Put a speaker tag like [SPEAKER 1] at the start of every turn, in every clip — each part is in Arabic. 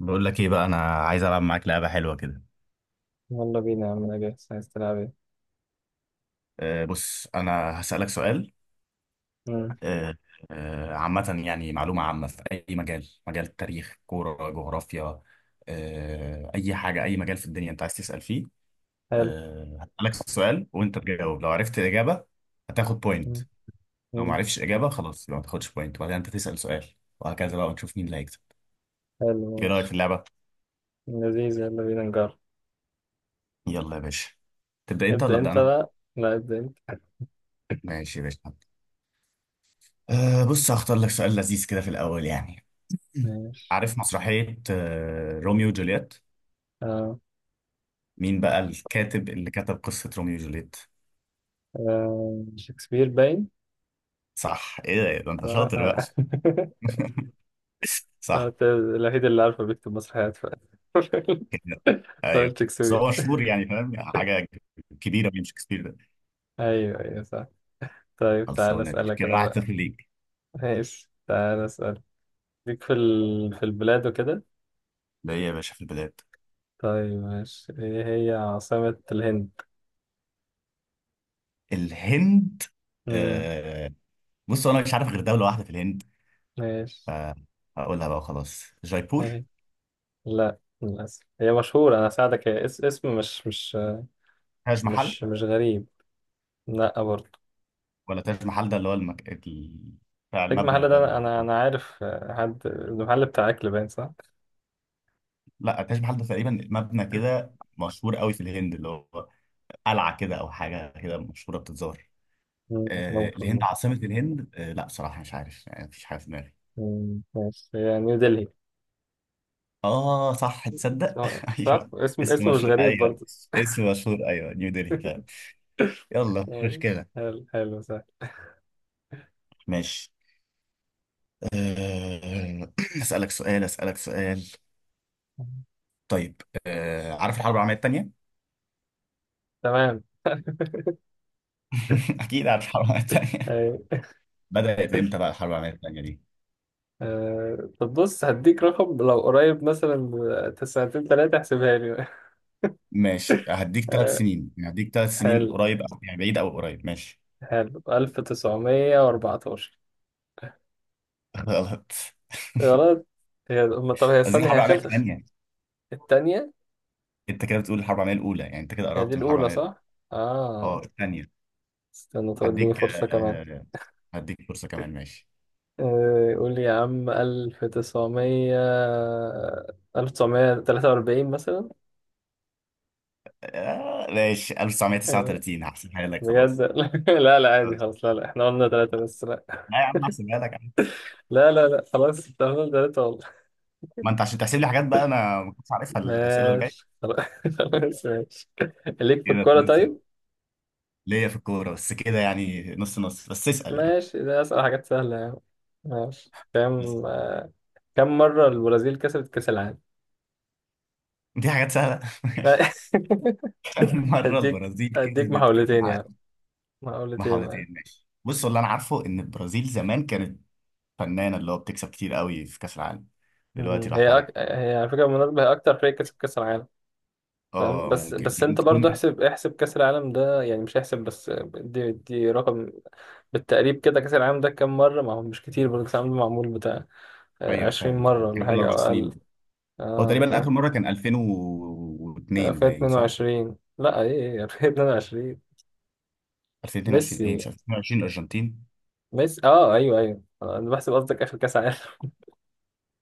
[SPEAKER 1] بقول لك ايه بقى انا عايز العب معاك لعبه حلوه كده.
[SPEAKER 2] يلا بينا يا عم، انا جاهز، عايز تلعب ايه؟
[SPEAKER 1] بص انا هسالك سؤال.
[SPEAKER 2] مم.
[SPEAKER 1] أه أه عامه، يعني معلومه عامه في اي مجال، مجال التاريخ، كوره، جغرافيا. اي حاجه، اي مجال في الدنيا انت عايز تسال فيه.
[SPEAKER 2] حلو.
[SPEAKER 1] هسالك سؤال وانت تجاوب، لو عرفت الاجابه هتاخد بوينت.
[SPEAKER 2] مم.
[SPEAKER 1] لو ما
[SPEAKER 2] مم.
[SPEAKER 1] عرفتش اجابه خلاص يبقى ما تاخدش بوينت، وبعدين انت تسال سؤال وهكذا بقى، ونشوف مين اللي هيكسب.
[SPEAKER 2] حلو،
[SPEAKER 1] ايه
[SPEAKER 2] ماشي.
[SPEAKER 1] رايك في اللعبه؟
[SPEAKER 2] لذيذ، يلا بينا نجرب.
[SPEAKER 1] يلا يا باشا. تبدا انت ولا
[SPEAKER 2] ابدأ
[SPEAKER 1] ابدا
[SPEAKER 2] انت
[SPEAKER 1] انا؟
[SPEAKER 2] بقى، لا ابدأ انت.
[SPEAKER 1] ماشي يا باشا. بص هختار لك سؤال لذيذ كده في الاول يعني. مم.
[SPEAKER 2] ماشي
[SPEAKER 1] عارف مسرحية روميو وجولييت؟
[SPEAKER 2] آه.
[SPEAKER 1] مين بقى الكاتب اللي كتب قصة روميو وجولييت؟
[SPEAKER 2] آه. شكسبير باين.
[SPEAKER 1] صح، ايه ده إيه ده انت
[SPEAKER 2] لا
[SPEAKER 1] شاطر بقى.
[SPEAKER 2] آه.
[SPEAKER 1] صح.
[SPEAKER 2] أنت الوحيد اللي عارفه بيكتب مسرحيات ف
[SPEAKER 1] كده ايوه،
[SPEAKER 2] فقلت
[SPEAKER 1] بس
[SPEAKER 2] شكسبير.
[SPEAKER 1] هو مشهور يعني، فاهم حاجة كبيرة من شكسبير ده.
[SPEAKER 2] ايوه، ايوه، صح. طيب تعالى
[SPEAKER 1] خلصانة يا باشا،
[SPEAKER 2] اسألك
[SPEAKER 1] كده
[SPEAKER 2] انا
[SPEAKER 1] واحد
[SPEAKER 2] بقى.
[SPEAKER 1] صفر ليك.
[SPEAKER 2] ماشي، تعالى اسأل. ليك في البلاد وكده.
[SPEAKER 1] ده ايه يا باشا في البلاد؟
[SPEAKER 2] طيب ماشي، ايه هي عاصمة الهند؟
[SPEAKER 1] الهند.
[SPEAKER 2] مم.
[SPEAKER 1] آه بص انا مش عارف غير دولة واحدة في الهند،
[SPEAKER 2] ماشي،
[SPEAKER 1] فهقولها بقى وخلاص، جايبور.
[SPEAKER 2] ايه؟ لا، للأسف هي مشهورة، أنا أساعدك، هي اسم مش مش
[SPEAKER 1] تاج محل؟
[SPEAKER 2] مش مش غريب. لا برضه.
[SPEAKER 1] ولا تاج محل ده اللي هو بتاع
[SPEAKER 2] تاج محل
[SPEAKER 1] المبنى ده
[SPEAKER 2] ده،
[SPEAKER 1] اللي
[SPEAKER 2] أنا أنا
[SPEAKER 1] موجود.
[SPEAKER 2] أنا عارف حد المحل بتاع أكل باين صح؟
[SPEAKER 1] لا تاج محل ده تقريبا مبنى كده مشهور قوي في الهند، اللي هو قلعه كده او حاجه كده مشهوره بتتزار.
[SPEAKER 2] مم،
[SPEAKER 1] الهند،
[SPEAKER 2] ممكن.
[SPEAKER 1] عاصمه الهند لا بصراحه مش عارف يعني، مفيش حاجه في دماغي.
[SPEAKER 2] مم، ماشي، هي نيو دلهي.
[SPEAKER 1] اه صح، تصدق
[SPEAKER 2] صح؟ صح؟
[SPEAKER 1] ايوه.
[SPEAKER 2] اسم
[SPEAKER 1] اسم
[SPEAKER 2] اسم مش
[SPEAKER 1] مشهور
[SPEAKER 2] غريب
[SPEAKER 1] ايوه.
[SPEAKER 2] برضه.
[SPEAKER 1] اسم مشهور ايوه، نيو دلهي فعلا. يلا مش
[SPEAKER 2] ماشي.
[SPEAKER 1] مشكله.
[SPEAKER 2] حلو حلو، صح.
[SPEAKER 1] ماشي. آه، اسالك سؤال طيب. عارف الحرب العالميه الثانيه؟
[SPEAKER 2] تمام.
[SPEAKER 1] اكيد عارف الحرب العالميه الثانيه.
[SPEAKER 2] أيوة.
[SPEAKER 1] بدات امتى بقى الحرب العالميه الثانيه دي؟
[SPEAKER 2] طب بص، هديك رقم لو قريب مثلا، سنتين تلاتة احسبها لي.
[SPEAKER 1] ماشي هديك ثلاث
[SPEAKER 2] آه،
[SPEAKER 1] سنين يعني هديك 3 سنين،
[SPEAKER 2] حلو،
[SPEAKER 1] قريب أو يعني بعيد أو قريب، ماشي.
[SPEAKER 2] حلو 1914.
[SPEAKER 1] غلط.
[SPEAKER 2] غلط. هي هم طب هي
[SPEAKER 1] عايزين
[SPEAKER 2] استني،
[SPEAKER 1] حرب
[SPEAKER 2] هي
[SPEAKER 1] عالمية
[SPEAKER 2] خلص.
[SPEAKER 1] الثانية.
[SPEAKER 2] التانية.
[SPEAKER 1] أنت كده بتقول الحرب العالمية الأولى، يعني أنت كده
[SPEAKER 2] هي دي
[SPEAKER 1] قربت من الحرب
[SPEAKER 2] الأولى
[SPEAKER 1] العالمية الأولى.
[SPEAKER 2] صح؟ آه.
[SPEAKER 1] الثانية.
[SPEAKER 2] استنى، طب اديني
[SPEAKER 1] هديك
[SPEAKER 2] فرصة كمان.
[SPEAKER 1] آه، هديك فرصة كمان ماشي.
[SPEAKER 2] قول لي يا عم، ألف تسعمية، 1943 مثلا.
[SPEAKER 1] ماشي
[SPEAKER 2] آه،
[SPEAKER 1] 1939 هحسبها لك
[SPEAKER 2] بجد.
[SPEAKER 1] خلاص.
[SPEAKER 2] لا لا
[SPEAKER 1] آه.
[SPEAKER 2] عادي خلاص، لا لا احنا قلنا تلاتة بس، لا.
[SPEAKER 1] لا يا عم هحسبها لك عادي.
[SPEAKER 2] لا لا لا خلاص، انت قلنا تلاتة والله.
[SPEAKER 1] ما أنت عشان تحسب لي حاجات بقى أنا ما كنتش عارفها، الأسئلة اللي
[SPEAKER 2] ماشي
[SPEAKER 1] جاية.
[SPEAKER 2] خلاص خلاص، ماشي. ليك في
[SPEAKER 1] كده
[SPEAKER 2] الكورة
[SPEAKER 1] 2-0.
[SPEAKER 2] طيب؟
[SPEAKER 1] ليا في الكورة بس كده يعني نص نص، بس اسأل يعني.
[SPEAKER 2] ماشي، ده أسأل حاجات سهلة يعني. ماشي
[SPEAKER 1] بس
[SPEAKER 2] كام آه، كم مرة البرازيل كسبت كأس العالم؟
[SPEAKER 1] دي حاجات سهلة.
[SPEAKER 2] لا.
[SPEAKER 1] مرة
[SPEAKER 2] هديك
[SPEAKER 1] البرازيل
[SPEAKER 2] هديك
[SPEAKER 1] كسبت كأس
[SPEAKER 2] محاولتين يعني،
[SPEAKER 1] العالم.
[SPEAKER 2] محاولتين
[SPEAKER 1] بحوالتين
[SPEAKER 2] يعني.
[SPEAKER 1] ماشي، بص اللي أنا عارفه إن البرازيل زمان كانت فنانة اللي هو بتكسب كتير قوي في كأس العالم، دلوقتي
[SPEAKER 2] مم.
[SPEAKER 1] راحت
[SPEAKER 2] هي أك...
[SPEAKER 1] عليها.
[SPEAKER 2] هي على فكرة، بالمناسبة هي أكتر فريق كسب كأس العالم. فاهم،
[SPEAKER 1] اه
[SPEAKER 2] بس
[SPEAKER 1] ممكن
[SPEAKER 2] بس
[SPEAKER 1] ممكن
[SPEAKER 2] أنت برضو
[SPEAKER 1] تكون.
[SPEAKER 2] احسب كأس العالم ده يعني، مش احسب بس دي رقم، بالتقريب كده، كأس العالم ده كام مرة؟ ما هو مش كتير برضو، كأس العالم ده معمول بتاع
[SPEAKER 1] أيوه
[SPEAKER 2] 20
[SPEAKER 1] فاهم،
[SPEAKER 2] مرة ولا
[SPEAKER 1] كان كل
[SPEAKER 2] حاجة أو
[SPEAKER 1] 4 سنين.
[SPEAKER 2] أقل.
[SPEAKER 1] هو
[SPEAKER 2] أه
[SPEAKER 1] تقريبا آخر
[SPEAKER 2] فاهم.
[SPEAKER 1] مرة كان 2002 باين صح؟
[SPEAKER 2] 2022، لا إيه 2022.
[SPEAKER 1] 2022
[SPEAKER 2] ميسي.
[SPEAKER 1] إيه مش 2022 الأرجنتين.
[SPEAKER 2] ميسي، أه أيوه، أيوه، أنا بحسب قصدك آخر كأس عالم.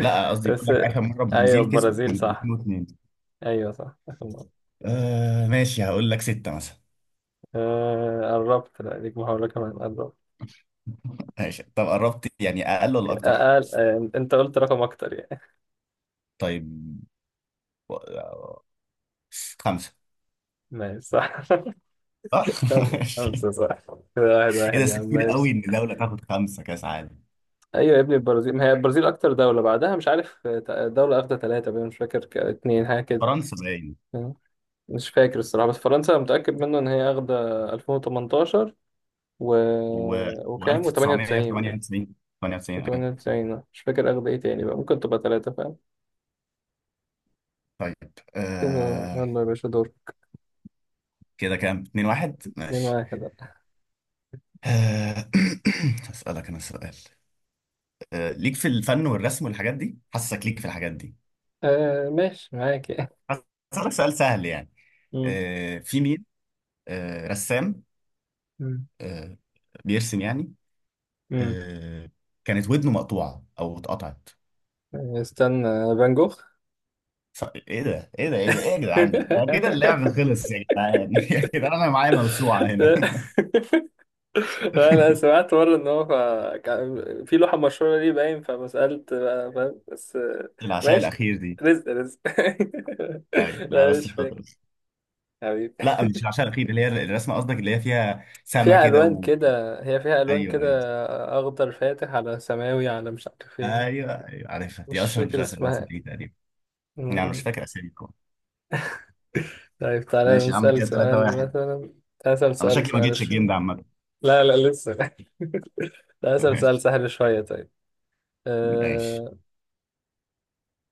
[SPEAKER 1] لا قصدي بقول
[SPEAKER 2] بس.
[SPEAKER 1] لك آخر مرة
[SPEAKER 2] أيوه
[SPEAKER 1] البرازيل كسبت
[SPEAKER 2] البرازيل
[SPEAKER 1] كان
[SPEAKER 2] صح.
[SPEAKER 1] 2002.
[SPEAKER 2] ايوه صح، اخر مره.
[SPEAKER 1] ماشي هقول لك ستة مثلا.
[SPEAKER 2] آه قربت، لا ليك محاوله كمان، قربت.
[SPEAKER 1] ماشي طب قربت يعني، أقل ولا أكتر؟
[SPEAKER 2] اقل، آه انت قلت رقم اكتر يعني.
[SPEAKER 1] طيب. و- آه، خمسة.
[SPEAKER 2] ماشي صح.
[SPEAKER 1] صح ماشي.
[SPEAKER 2] خمسه صح. كده واحد
[SPEAKER 1] ايه ده،
[SPEAKER 2] واحد يا
[SPEAKER 1] بس
[SPEAKER 2] عم،
[SPEAKER 1] كتير
[SPEAKER 2] ماشي.
[SPEAKER 1] قوي ان دوله تاخد خمسه كاس عالم.
[SPEAKER 2] ايوه يا ابني، البرازيل، ما هي البرازيل اكتر دوله، بعدها مش عارف دوله اخده ثلاثه بقى، مش فاكر، اتنين حاجه كده.
[SPEAKER 1] فرنسا باين.
[SPEAKER 2] مش فاكر الصراحه، بس فرنسا متاكد منه ان هي اخده 2018، و
[SPEAKER 1] و
[SPEAKER 2] وكام
[SPEAKER 1] و1998
[SPEAKER 2] و98،
[SPEAKER 1] 98 ايه.
[SPEAKER 2] و98، مش فاكر اخده ايه تاني بقى، ممكن تبقى ثلاثه فاهم.
[SPEAKER 1] طيب.
[SPEAKER 2] كده
[SPEAKER 1] آه...
[SPEAKER 2] يلا يا باشا، دور.
[SPEAKER 1] كده كام 2-1
[SPEAKER 2] 2
[SPEAKER 1] ماشي.
[SPEAKER 2] 1
[SPEAKER 1] آه... هسألك انا سؤال. ليك في الفن والرسم والحاجات دي، حاسسك ليك في الحاجات دي.
[SPEAKER 2] آه ماشي، معاك.
[SPEAKER 1] هسألك سؤال سهل يعني.
[SPEAKER 2] مم.
[SPEAKER 1] في مين رسام
[SPEAKER 2] مم.
[SPEAKER 1] آه... بيرسم يعني
[SPEAKER 2] مم.
[SPEAKER 1] آه... كانت ودنه مقطوعه او اتقطعت؟
[SPEAKER 2] استنى. فان جوخ.
[SPEAKER 1] ايه ده ايه يا جدعان، ده كده اللعب خلص يا جدعان. يا جدعان انا معايا موسوعه هنا.
[SPEAKER 2] لا لا، سمعت مرة ان هو كان في لوحة مشهورة ليه باين، فما سألت بقى فاهم بس
[SPEAKER 1] العشاء
[SPEAKER 2] ماشي.
[SPEAKER 1] الاخير دي.
[SPEAKER 2] رزق رزق.
[SPEAKER 1] ايوه لا
[SPEAKER 2] لا
[SPEAKER 1] بس
[SPEAKER 2] مش فاكر.
[SPEAKER 1] بطرس.
[SPEAKER 2] حبيبي.
[SPEAKER 1] لا مش العشاء الاخير، اللي هي الرسمه قصدك اللي هي فيها سما
[SPEAKER 2] فيها
[SPEAKER 1] كده
[SPEAKER 2] ألوان
[SPEAKER 1] و...
[SPEAKER 2] كده، هي فيها ألوان
[SPEAKER 1] ايوه
[SPEAKER 2] كده،
[SPEAKER 1] ايوه.
[SPEAKER 2] أخضر فاتح على سماوي على مش عارف ايه.
[SPEAKER 1] ايوه ايوه عارفها دي،
[SPEAKER 2] مش
[SPEAKER 1] اشهر
[SPEAKER 2] فاكر
[SPEAKER 1] رسمه، رسمه
[SPEAKER 2] اسمها.
[SPEAKER 1] دي تقريبا.
[SPEAKER 2] م-
[SPEAKER 1] يعني انا مش
[SPEAKER 2] م.
[SPEAKER 1] فاكر اساميكم.
[SPEAKER 2] طيب تعالى
[SPEAKER 1] ماشي يا عم
[SPEAKER 2] نسأل
[SPEAKER 1] كده 3
[SPEAKER 2] سؤال
[SPEAKER 1] 1
[SPEAKER 2] مثلا. أسأل
[SPEAKER 1] انا
[SPEAKER 2] سؤال
[SPEAKER 1] شكلي ما جيتش الجيم
[SPEAKER 2] سؤال
[SPEAKER 1] ده عامه.
[SPEAKER 2] لا لا لسه، ده أسأل سؤال
[SPEAKER 1] ماشي.
[SPEAKER 2] سهل شوية طيب.
[SPEAKER 1] ماشي.
[SPEAKER 2] أه...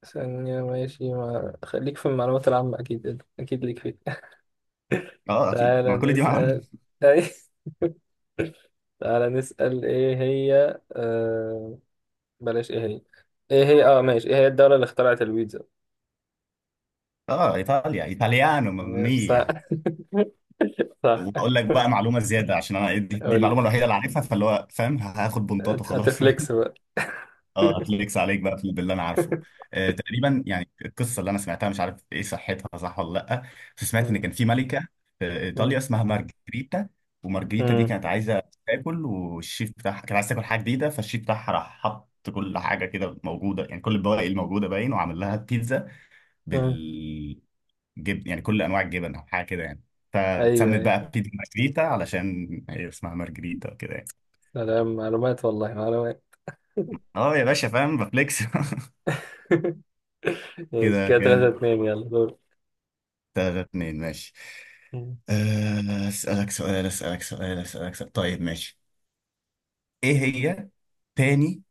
[SPEAKER 2] ثانية ماشي، ما... خليك في المعلومات العامة، أكيد أكيد ليك فيه.
[SPEAKER 1] اه اكيد،
[SPEAKER 2] تعالى
[SPEAKER 1] ما كل دي معانا.
[SPEAKER 2] نسأل. أي تعالى نسأل، إيه هي بلاش، إيه هي، إيه هي ماشي، إيه هي الدولة اللي اخترعت البيتزا؟
[SPEAKER 1] اه ايطاليا، ايطاليانو
[SPEAKER 2] صح.
[SPEAKER 1] ماميا.
[SPEAKER 2] صح.
[SPEAKER 1] واقول لك بقى معلومه زياده عشان انا دي
[SPEAKER 2] قول
[SPEAKER 1] المعلومه
[SPEAKER 2] لي.
[SPEAKER 1] الوحيده اللي عارفها، فاللي هو فاهم هاخد بنطات وخلاص.
[SPEAKER 2] هتفليكس بقى.
[SPEAKER 1] اه هفليكس عليك بقى في باللي انا عارفه. آه تقريبا يعني، القصه اللي انا سمعتها مش عارف ايه صحتها صح ولا لا. بس سمعت ان
[SPEAKER 2] مم.
[SPEAKER 1] كان في ملكه في ايطاليا
[SPEAKER 2] مم.
[SPEAKER 1] اسمها مارجريتا. ومارجريتا دي
[SPEAKER 2] مم.
[SPEAKER 1] كانت عايزه تاكل، والشيف بتاعها كانت عايزه تاكل حاجه جديده، فالشيف بتاعها راح حط كل حاجه كده موجوده يعني، كل البواقي الموجوده باين وعمل لها بيتزا
[SPEAKER 2] مم.
[SPEAKER 1] بال جبن، يعني كل انواع الجبن او حاجه كده يعني.
[SPEAKER 2] أيوه،
[SPEAKER 1] فتسمت
[SPEAKER 2] أيوه،
[SPEAKER 1] بقى بيتزا مارجريتا علشان هي اسمها مارجريتا وكده يعني.
[SPEAKER 2] سلام معلومات والله، معلومات.
[SPEAKER 1] اه يا باشا فاهم بفليكس.
[SPEAKER 2] ماشي
[SPEAKER 1] كده
[SPEAKER 2] كده
[SPEAKER 1] كام
[SPEAKER 2] 3-2، يلا دور.
[SPEAKER 1] 3-2 ماشي. اسالك سؤال طيب ماشي. ايه هي تاني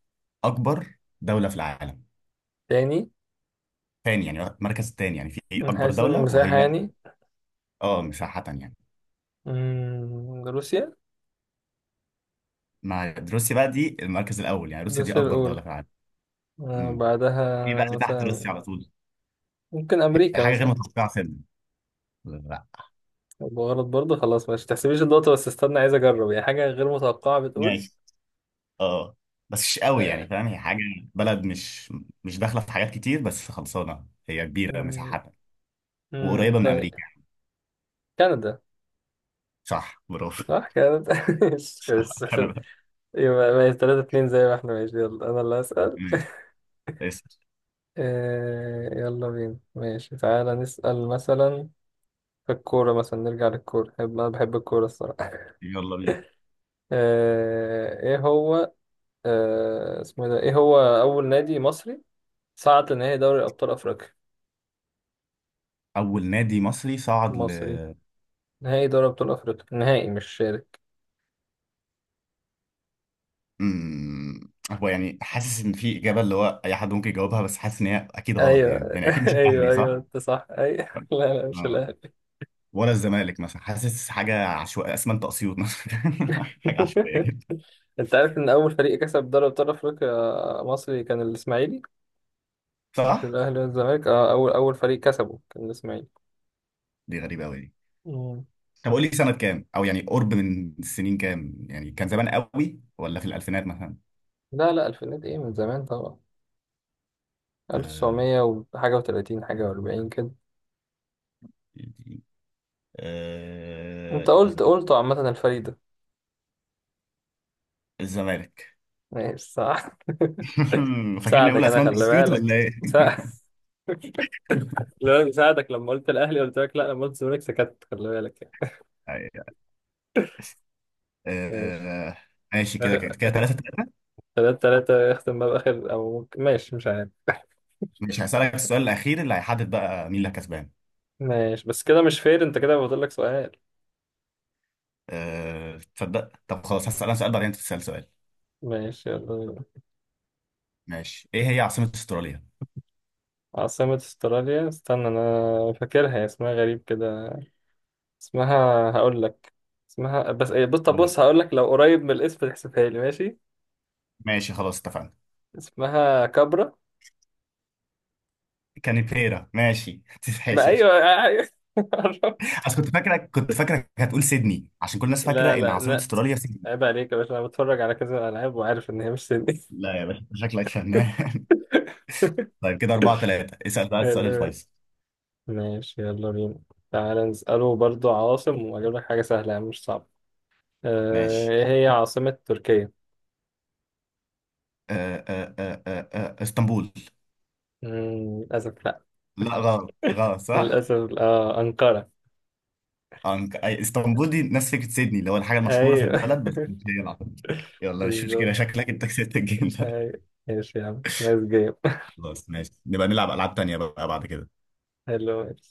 [SPEAKER 1] اكبر دوله في العالم؟
[SPEAKER 2] تاني؟
[SPEAKER 1] تاني يعني المركز التاني، يعني في
[SPEAKER 2] من
[SPEAKER 1] اكبر
[SPEAKER 2] حيث
[SPEAKER 1] دوله،
[SPEAKER 2] المساحة
[SPEAKER 1] وهي
[SPEAKER 2] يعني.
[SPEAKER 1] اه مساحه يعني.
[SPEAKER 2] مم، روسيا.
[SPEAKER 1] مع روسيا بقى، دي المركز الاول، يعني روسيا دي
[SPEAKER 2] روسيا
[SPEAKER 1] اكبر
[SPEAKER 2] الأولى.
[SPEAKER 1] دوله في العالم. امم في بقى
[SPEAKER 2] بعدها
[SPEAKER 1] اللي تحت روسيا
[SPEAKER 2] مثلا،
[SPEAKER 1] على طول.
[SPEAKER 2] ممكن أمريكا
[SPEAKER 1] حاجه غير
[SPEAKER 2] مثلا.
[SPEAKER 1] متوقعه سنة.
[SPEAKER 2] يبقى غلط برضه، خلاص ماشي، تحسبيش النقطة بس استنى، عايز أجرب يعني حاجة غير متوقعة بتقول.
[SPEAKER 1] ماشي. اه بس مش قوي يعني،
[SPEAKER 2] آه،
[SPEAKER 1] فاهم هي حاجه، بلد مش داخله في حاجات كتير، بس خلصانه هي كبيره
[SPEAKER 2] مم،
[SPEAKER 1] مساحتها وقريبه من
[SPEAKER 2] طيب.
[SPEAKER 1] امريكا.
[SPEAKER 2] كندا.
[SPEAKER 1] صح برافو.
[SPEAKER 2] صح، كندا. ماشي،
[SPEAKER 1] صح كندا
[SPEAKER 2] يبقى ماشي 3-2 زي ما احنا ماشي، يلا أنا اللي هسأل.
[SPEAKER 1] ماشي. اسال.
[SPEAKER 2] يلا بينا ماشي، تعالى نسأل مثلا في الكورة مثلا، نرجع للكورة، أنا بحب الكورة الصراحة.
[SPEAKER 1] يلا بينا.
[SPEAKER 2] ايه هو، اسمه إيه ده، ايه هو اول نادي مصري صعد لنهائي دوري ابطال افريقيا؟
[SPEAKER 1] اول نادي مصري صعد ل.
[SPEAKER 2] مصري، نهائي دوري ابطال افريقيا، نهائي مش شارك.
[SPEAKER 1] هو يعني حاسس ان في اجابه اللي هو اي حد ممكن يجاوبها، بس حاسس ان هي اكيد غلط، يعني
[SPEAKER 2] ايوه
[SPEAKER 1] يعني اكيد مش
[SPEAKER 2] ايوه،
[SPEAKER 1] الاهلي
[SPEAKER 2] ايوه،
[SPEAKER 1] صح؟
[SPEAKER 2] انت صح، ايوه لا لا مش
[SPEAKER 1] اه
[SPEAKER 2] الاهلي.
[SPEAKER 1] ولا الزمالك مثلا، حاسس حاجه عشوائيه اسمنت اسيوط مثلا. حاجه عشوائيه كده.
[SPEAKER 2] انت عارف ان اول فريق كسب دوري ابطال افريقيا مصري كان الاسماعيلي؟ مش
[SPEAKER 1] صح؟
[SPEAKER 2] الاهلي والزمالك، اه اول فريق كسبه كان الاسماعيلي.
[SPEAKER 1] دي غريبه قوي.
[SPEAKER 2] مم.
[SPEAKER 1] طب قول لي سنة كام، او يعني قرب من السنين كام، يعني كان زمان قوي ولا في الألفينات مثلا؟
[SPEAKER 2] لا لا الفينات ايه، من زمان طبعا.
[SPEAKER 1] آه...
[SPEAKER 2] 1900 وحاجة و30 حاجة و40 كده. انت
[SPEAKER 1] آه...
[SPEAKER 2] قلت عامة الفريق ده.
[SPEAKER 1] الزمالك.
[SPEAKER 2] ماشي صح.
[SPEAKER 1] فاكرني اقول
[SPEAKER 2] ساعدك انا،
[SPEAKER 1] اسمنت
[SPEAKER 2] خلي
[SPEAKER 1] بسيوت ولا
[SPEAKER 2] بالك.
[SPEAKER 1] ايه.
[SPEAKER 2] سا- خلي بالك ساعدك، لما قلت الاهلي قلت لك لا، لما قلت الزمالك سكت، خلي بالك يعني.
[SPEAKER 1] أيوة.
[SPEAKER 2] ماشي.
[SPEAKER 1] آه... ماشي كده كده
[SPEAKER 2] آخر،
[SPEAKER 1] كده 3-3.
[SPEAKER 2] 3-3، يختم بقى بآخر أو ممكن، ماشي مش عارف.
[SPEAKER 1] مش هسألك السؤال الأخير اللي هيحدد بقى مين اللي كسبان؟
[SPEAKER 2] ماشي بس كده مش فير، أنت كده فاضل لك سؤال.
[SPEAKER 1] تصدق طب خلاص هسأل انا سؤال بعدين انت تسأل سؤال.
[SPEAKER 2] ماشي يلا بينا.
[SPEAKER 1] ماشي ايه هي عاصمة استراليا؟
[SPEAKER 2] عاصمة أستراليا، استنى أنا فاكرها، هي اسمها غريب كده، اسمها هقول لك. اسمها بس إيه، بص طب
[SPEAKER 1] قول.
[SPEAKER 2] بص، هقول لك لو قريب من الاسم تحسبها لي ماشي.
[SPEAKER 1] ماشي خلاص اتفقنا.
[SPEAKER 2] اسمها كابرا.
[SPEAKER 1] كانبيرا ماشي،
[SPEAKER 2] ما
[SPEAKER 1] تتحسب.
[SPEAKER 2] أيوه. أيوه.
[SPEAKER 1] بس كنت فاكرك، كنت فاكرك هتقول سيدني، عشان كل الناس
[SPEAKER 2] لا
[SPEAKER 1] فاكره ان
[SPEAKER 2] لا
[SPEAKER 1] عاصمه
[SPEAKER 2] لا.
[SPEAKER 1] استراليا سيدني.
[SPEAKER 2] عيب عليك يا باشا، انا بتفرج على كذا العاب وعارف ان هي مش سني.
[SPEAKER 1] لا يا باشا أنت شكلك فنان. طيب كده 4-3، اسأل بقى السؤال
[SPEAKER 2] حلو.
[SPEAKER 1] الفيصل.
[SPEAKER 2] ماشي يلا بينا. تعالى نسأله برضو عواصم، وأجيب لك حاجة سهلة يعني مش صعبة.
[SPEAKER 1] ماشي.
[SPEAKER 2] إيه هي عاصمة تركيا؟
[SPEAKER 1] اسطنبول.
[SPEAKER 2] مم، للأسف لأ.
[SPEAKER 1] لا غلط غلط صح؟
[SPEAKER 2] للأسف. آه أنقرة.
[SPEAKER 1] اسطنبول دي نفس فكرة سيدني، اللي هو الحاجة المشهورة في
[SPEAKER 2] أيوه.
[SPEAKER 1] البلد بس مش هي العاصمة. يلا مش مشكلة،
[SPEAKER 2] بالظبط.
[SPEAKER 1] شكلك أنت كسبت الجيم ده.
[SPEAKER 2] أيوه ماشي يا عم، نايس جيم.
[SPEAKER 1] خلاص ماشي، نبقى نلعب ألعاب تانية بقى بعد كده.
[SPEAKER 2] حلو.